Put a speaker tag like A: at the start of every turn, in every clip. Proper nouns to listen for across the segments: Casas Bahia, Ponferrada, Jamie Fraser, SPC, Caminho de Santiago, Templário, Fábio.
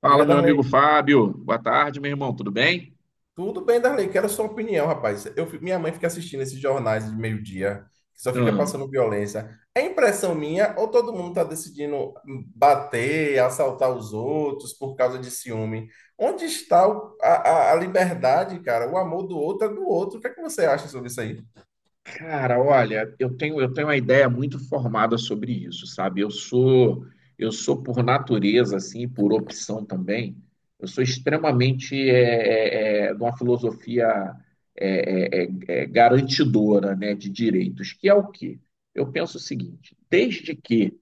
A: Fala,
B: Diga,
A: meu amigo
B: Darley.
A: Fábio. Boa tarde, meu irmão. Tudo bem?
B: Tudo bem, Darley. Quero sua opinião, rapaz. Minha mãe fica assistindo esses jornais de meio-dia, que só fica
A: Hum.
B: passando violência. É impressão minha ou todo mundo está decidindo bater, assaltar os outros por causa de ciúme? Onde está a liberdade, cara? O amor do outro é do outro. O que é que você acha sobre isso aí?
A: Cara, olha, eu tenho uma ideia muito formada sobre isso, sabe? Eu sou por natureza, assim, por opção também. Eu sou extremamente de uma filosofia garantidora, né, de direitos, que é o quê? Eu penso o seguinte: desde que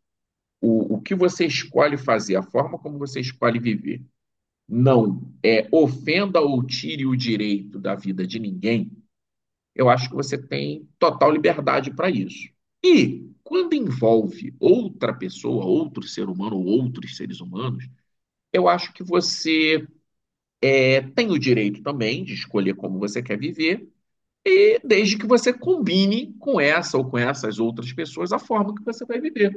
A: o que você escolhe fazer, a forma como você escolhe viver não ofenda ou tire o direito da vida de ninguém, eu acho que você tem total liberdade para isso. E quando envolve outra pessoa, outro ser humano ou outros seres humanos, eu acho que você tem o direito também de escolher como você quer viver, e desde que você combine com essa ou com essas outras pessoas a forma que você vai viver.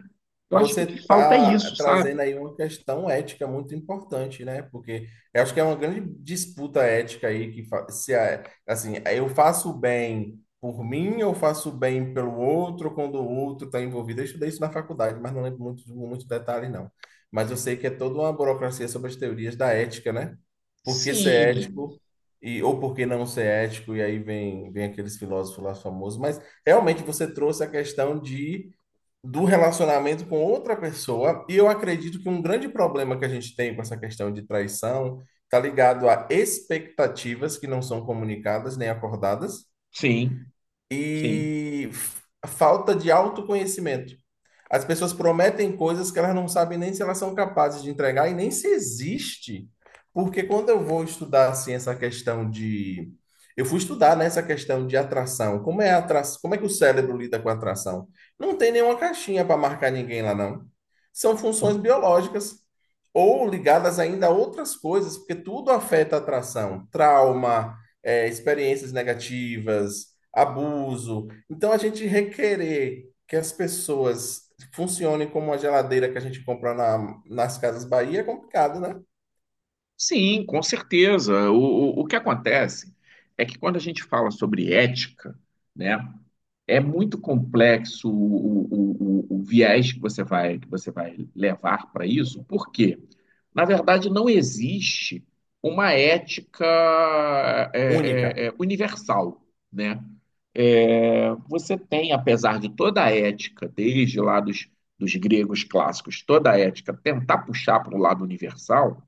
A: Eu acho
B: Você
A: que o que falta é
B: está
A: isso, sabe?
B: trazendo aí uma questão ética muito importante, né? Porque eu acho que é uma grande disputa ética aí que fa- se a- assim, eu faço o bem por mim ou faço o bem pelo outro quando o outro está envolvido. Eu estudei isso na faculdade, mas não lembro muitos detalhes, não. Mas eu sei que é toda uma burocracia sobre as teorias da ética, né? Por que ser
A: Sim,
B: ético e ou por que não ser ético? E aí vem aqueles filósofos lá famosos, mas realmente você trouxe a questão de do relacionamento com outra pessoa. E eu acredito que um grande problema que a gente tem com essa questão de traição está ligado a expectativas que não são comunicadas nem acordadas
A: sim, sim.
B: e a falta de autoconhecimento. As pessoas prometem coisas que elas não sabem nem se elas são capazes de entregar e nem se existe. Porque quando eu vou estudar assim essa questão de eu fui estudar nessa questão de atração, como é a atra... como é que o cérebro lida com a atração? Não tem nenhuma caixinha para marcar ninguém lá não. São funções
A: Não.
B: biológicas ou ligadas ainda a outras coisas, porque tudo afeta a atração, trauma, experiências negativas, abuso. Então, a gente requerer que as pessoas funcionem como a geladeira que a gente compra nas Casas Bahia é complicado, né?
A: Sim, com certeza. O que acontece é que quando a gente fala sobre ética, né, é muito complexo o viés que que você vai levar para isso, porque, na verdade, não existe uma ética
B: Única.
A: universal, né? É, você tem, apesar de toda a ética, desde lá dos gregos clássicos, toda a ética tentar puxar para o lado universal,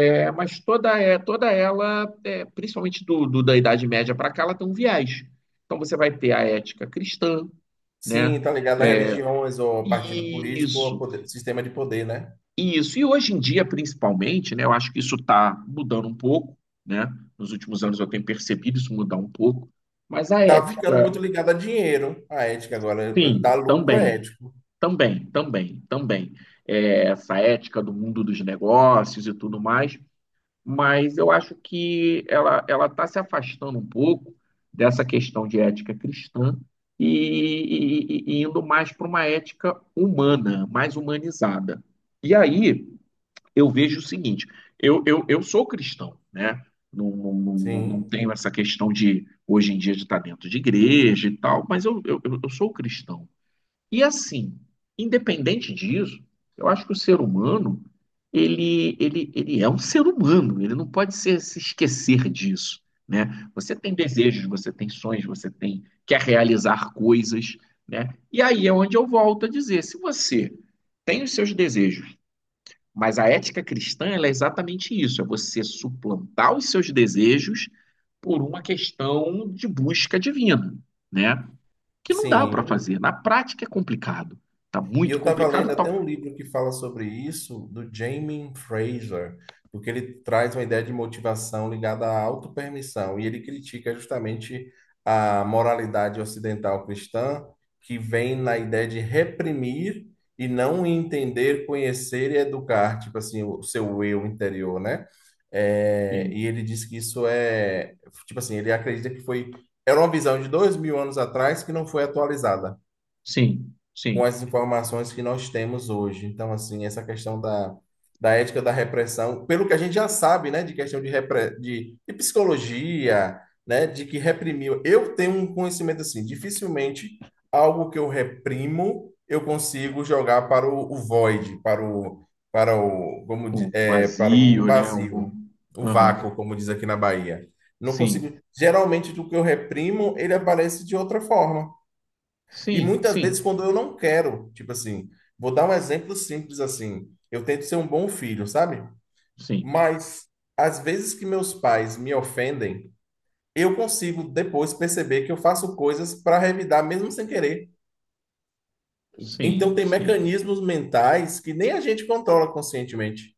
A: é, mas toda, é, toda ela, é, principalmente da Idade Média para cá, ela tem um viés. Então você vai ter a ética cristã,
B: Sim,
A: né?
B: tá ligado a
A: É,
B: religiões, ou a partido político, ou a
A: isso,
B: sistema de poder, né?
A: isso. E hoje em dia, principalmente, né? Eu acho que isso está mudando um pouco, né? Nos últimos anos eu tenho percebido isso mudar um pouco. Mas a
B: Tá ficando muito
A: ética,
B: ligado a dinheiro, a ética agora.
A: sim,
B: Dar lucro é
A: também,
B: ético.
A: também, também, também. É, essa ética do mundo dos negócios e tudo mais. Mas eu acho que ela está se afastando um pouco dessa questão de ética cristã e indo mais para uma ética humana, mais humanizada. E aí eu vejo o seguinte: eu sou cristão, né? Não
B: Sim,
A: tenho essa questão de hoje em dia de estar dentro de igreja e tal, mas eu sou cristão. E assim, independente disso, eu acho que o ser humano, ele é um ser humano, ele não pode ser- se esquecer disso, né? Você tem desejos, você tem sonhos, você tem quer realizar coisas, né? E aí é onde eu volto a dizer, se você tem os seus desejos, mas a ética cristã, ela é exatamente isso, é você suplantar os seus desejos por uma questão de busca divina, né? Que não dá para
B: sim.
A: fazer. Na prática é complicado. Tá
B: E eu
A: muito
B: estava lendo
A: complicado. Tá...
B: até um livro que fala sobre isso, do Jamie Fraser, porque ele traz uma ideia de motivação ligada à autopermissão, e ele critica justamente a moralidade ocidental cristã, que vem na ideia de reprimir e não entender, conhecer e educar, tipo assim, o seu eu interior, né? É, e
A: Sim,
B: ele diz que isso é, tipo assim, ele acredita que foi, era uma visão de 2000 anos atrás que não foi atualizada
A: sim,
B: com
A: sim.
B: as informações que nós temos hoje. Então, assim, essa questão da ética da repressão, pelo que a gente já sabe, né, de questão de de psicologia, né, de que reprimiu. Eu tenho um conhecimento assim, dificilmente algo que eu reprimo eu consigo jogar para o void,
A: Um
B: para o
A: vazio, né?
B: vazio,
A: Algum...
B: o
A: Aham.
B: vácuo, como diz aqui na Bahia. Não
A: Sim,
B: consigo. Geralmente, do que eu reprimo, ele aparece de outra forma. E
A: sim,
B: muitas vezes
A: sim,
B: quando eu não quero, tipo assim, vou dar um exemplo simples assim, eu tento ser um bom filho, sabe?
A: sim,
B: Mas às vezes que meus pais me ofendem, eu consigo depois perceber que eu faço coisas para revidar mesmo sem querer. Então
A: sim,
B: tem
A: sim.
B: mecanismos mentais que nem a gente controla conscientemente.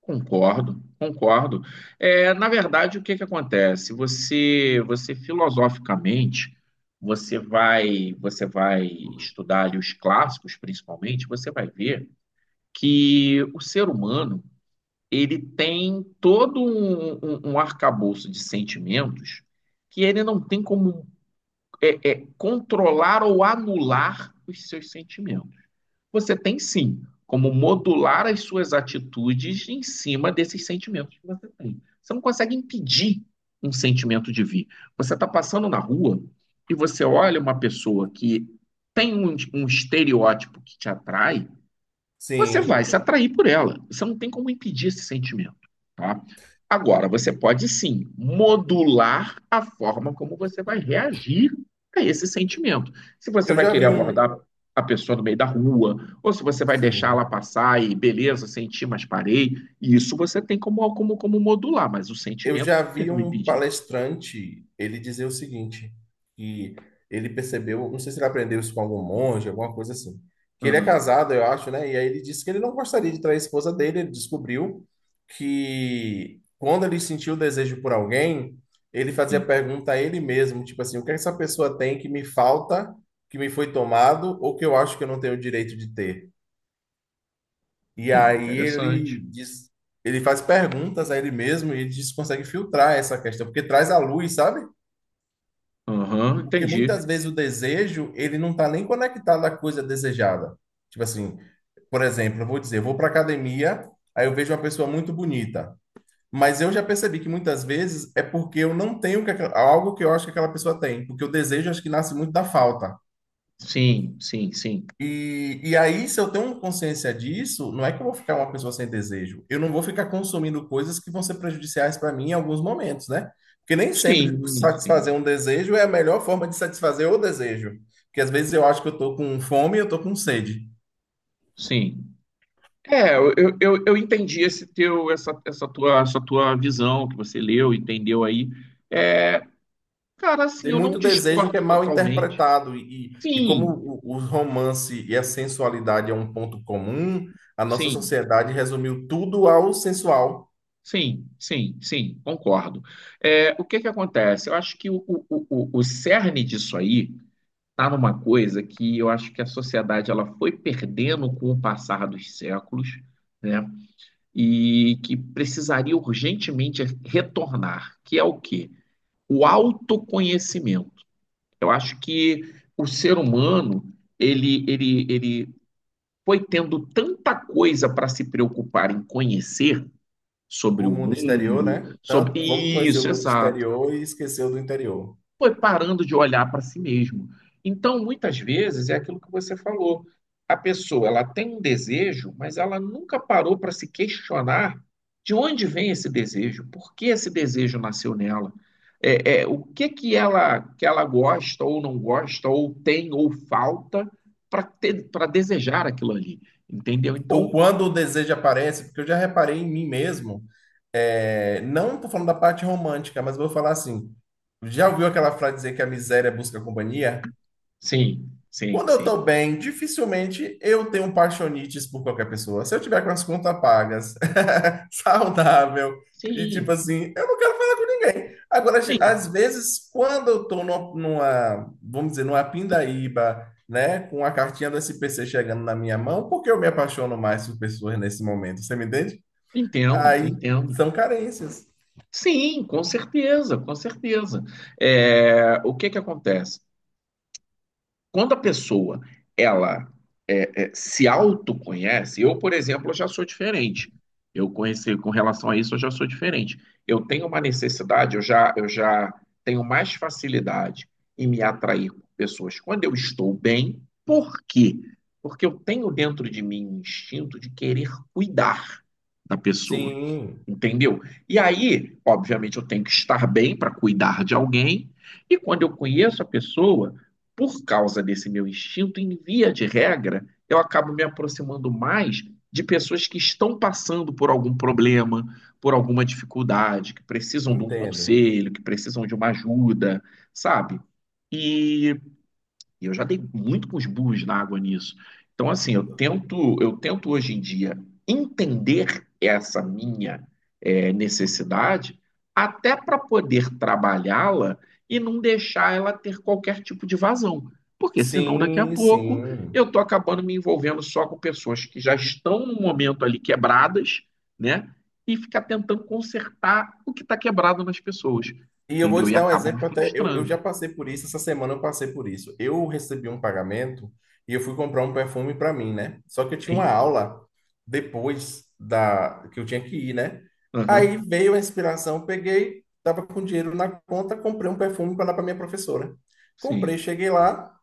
A: Concordo, concordo. É, na verdade, o que que acontece? Você, você filosoficamente, você vai estudar ali os clássicos, principalmente, você vai ver que o ser humano ele tem todo um, um arcabouço de sentimentos que ele não tem como controlar ou anular os seus sentimentos. Você tem sim como modular as suas atitudes em cima desses sentimentos que você tem. Você não consegue impedir um sentimento de vir. Você está passando na rua e você olha uma pessoa que tem um, um estereótipo que te atrai. Você vai
B: Sim,
A: se atrair por ela. Você não tem como impedir esse sentimento, tá? Agora, você pode sim modular a forma como você vai reagir a esse sentimento. Se você
B: eu
A: vai
B: já
A: querer
B: vi um,
A: abordar a pessoa no meio da rua, ou se você vai deixar ela
B: sim,
A: passar e beleza, senti, mas parei, isso você tem como modular, mas o
B: eu
A: sentimento
B: já
A: não tem
B: vi
A: como
B: um
A: impedir.
B: palestrante ele dizer o seguinte, que ele percebeu, não sei se ele aprendeu isso com algum monge, alguma coisa assim, que ele é
A: Aham,
B: casado, eu acho, né? E aí ele disse que ele não gostaria de trair a esposa dele, ele descobriu que quando ele sentiu o desejo por alguém, ele fazia
A: sim.
B: pergunta a ele mesmo, tipo assim, o que essa pessoa tem que me falta, que me foi tomado, ou que eu acho que eu não tenho o direito de ter? E aí ele
A: Interessante.
B: diz, ele faz perguntas a ele mesmo e ele diz que consegue filtrar essa questão, porque traz à luz, sabe?
A: Aham,
B: Porque
A: entendi.
B: muitas vezes o desejo, ele não está nem conectado à coisa desejada. Tipo assim, por exemplo, eu vou dizer, eu vou para academia, aí eu vejo uma pessoa muito bonita, mas eu já percebi que muitas vezes é porque eu não tenho que algo que eu acho que aquela pessoa tem, porque o desejo acho que nasce muito da falta.
A: Sim, sim, sim.
B: E aí, se eu tenho consciência disso, não é que eu vou ficar uma pessoa sem desejo. Eu não vou ficar consumindo coisas que vão ser prejudiciais para mim em alguns momentos, né? Porque nem sempre
A: Sim, sim,
B: satisfazer um desejo é a melhor forma de satisfazer o desejo. Porque às vezes eu acho que eu estou com fome e eu estou com sede.
A: sim. É, eu entendi esse teu, essa tua visão que você leu, entendeu aí. É, cara, assim,
B: Tem
A: eu não
B: muito desejo que é
A: discordo
B: mal
A: totalmente.
B: interpretado. E como
A: Sim,
B: o romance e a sensualidade é um ponto comum, a nossa
A: sim,
B: sociedade resumiu tudo ao sensual.
A: sim, sim, sim, concordo. É, o que que acontece? Eu acho que o cerne disso aí tá numa coisa que eu acho que a sociedade ela foi perdendo com o passar dos séculos, né? E que precisaria urgentemente retornar, que é o quê? O autoconhecimento. Eu acho que o ser humano, ele foi tendo tanta coisa para se preocupar em conhecer sobre
B: O
A: o
B: mundo exterior,
A: mundo,
B: né?
A: sobre
B: Tanto vamos conhecer o
A: isso,
B: mundo
A: exato,
B: exterior e esquecer o do interior.
A: foi parando de olhar para si mesmo. Então, muitas vezes, é aquilo que você falou. A pessoa, ela tem um desejo, mas ela nunca parou para se questionar de onde vem esse desejo, por que esse desejo nasceu nela, o que que ela gosta ou não gosta, ou tem ou falta para desejar aquilo ali, entendeu?
B: Ou
A: Então,
B: quando o desejo aparece, porque eu já reparei em mim mesmo, é, não estou falando da parte romântica, mas vou falar assim. Já ouviu aquela frase dizer que a miséria busca companhia?
A: sim, sim,
B: Quando eu
A: sim,
B: estou bem, dificilmente eu tenho paixonites por qualquer pessoa. Se eu tiver com as contas pagas, saudável, e tipo
A: sim,
B: assim, eu não quero falar com ninguém. Agora,
A: sim,
B: às vezes, quando eu estou numa, vamos dizer, numa pindaíba, né, com a cartinha do SPC chegando na minha mão, porque eu me apaixono mais por pessoas nesse momento, você me entende?
A: entendo,
B: Aí
A: entendo.
B: são carências.
A: Sim, com certeza, com certeza. É, o que que acontece? Quando a pessoa ela se autoconhece, eu, por exemplo, eu já sou diferente. Eu conheci com relação a isso, eu já sou diferente. Eu tenho uma necessidade, eu já tenho mais facilidade em me atrair por pessoas quando eu estou bem. Por quê? Porque eu tenho dentro de mim um instinto de querer cuidar da pessoa.
B: Sim,
A: Entendeu? E aí, obviamente, eu tenho que estar bem para cuidar de alguém, e quando eu conheço a pessoa, por causa desse meu instinto, em via de regra, eu acabo me aproximando mais de pessoas que estão passando por algum problema, por alguma dificuldade, que precisam de um
B: entendo.
A: conselho, que precisam de uma ajuda, sabe? E eu já dei muito com os burros na água nisso. Então, assim, eu tento hoje em dia entender essa minha necessidade até para poder trabalhá-la e não deixar ela ter qualquer tipo de vazão. Porque senão, daqui a
B: Sim,
A: pouco,
B: sim.
A: eu estou acabando me envolvendo só com pessoas que já estão no momento ali quebradas, né? E ficar tentando consertar o que está quebrado nas pessoas,
B: E eu vou
A: entendeu?
B: te
A: E
B: dar um
A: acabo me
B: exemplo até, eu já
A: frustrando.
B: passei por isso, essa semana eu passei por isso. Eu recebi um pagamento e eu fui comprar um perfume para mim, né? Só que eu tinha uma
A: Sim.
B: aula depois da que eu tinha que ir, né? Aí
A: Aham.
B: veio a inspiração, peguei, tava com dinheiro na conta, comprei um perfume para dar para minha professora. Comprei,
A: Sim.
B: cheguei lá,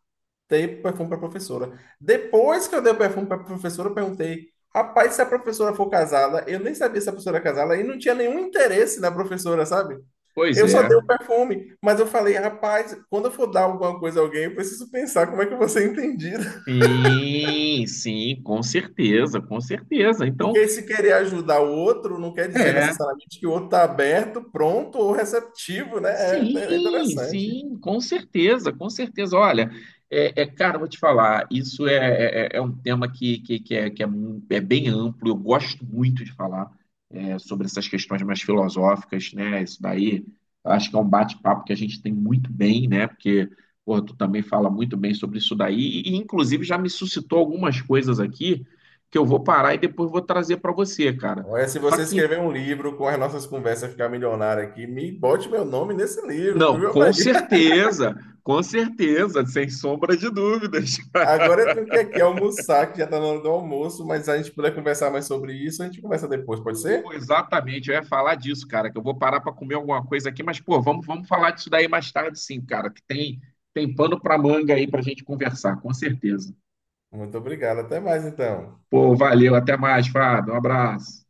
B: dei o perfume para a professora. Depois que eu dei o perfume para a professora, eu perguntei: rapaz, se a professora for casada, eu nem sabia se a professora era casada e não tinha nenhum interesse na professora, sabe?
A: Pois
B: Eu só
A: é.
B: dei o perfume, mas eu falei, rapaz, quando eu for dar alguma coisa a alguém, eu preciso pensar como é que eu vou ser entendido.
A: Sim, sim, com certeza, com certeza. Então,
B: Porque se querer ajudar o outro, não quer dizer
A: é.
B: necessariamente que o outro está aberto, pronto ou receptivo, né? É é
A: Sim,
B: interessante.
A: sim, com certeza, com certeza. Olha, cara, eu vou te falar, isso é um tema é, que é, mu- é bem amplo, eu gosto muito de falar é, sobre essas questões mais filosóficas, né? Isso daí, eu acho que é um bate-papo que a gente tem muito bem, né? Porque, pô, tu também fala muito bem sobre isso daí, inclusive já me suscitou algumas coisas aqui que eu vou parar e depois vou trazer para você, cara.
B: Olha, se
A: Só
B: você
A: que
B: escrever um livro com as nossas conversas ficar milionário aqui, me bote meu nome nesse livro,
A: não,
B: viu?
A: com certeza, sem sombra de dúvidas.
B: Agora eu tenho que ir aqui almoçar, que já está na hora do almoço, mas se a gente puder conversar mais sobre isso, a gente conversa depois, pode ser?
A: Pô, exatamente, eu ia falar disso, cara, que eu vou parar para comer alguma coisa aqui, mas pô, vamos falar disso daí mais tarde, sim, cara, que tem pano para manga aí para gente conversar, com certeza.
B: Muito obrigado, até mais então.
A: Pô, valeu, até mais, Fábio, um abraço.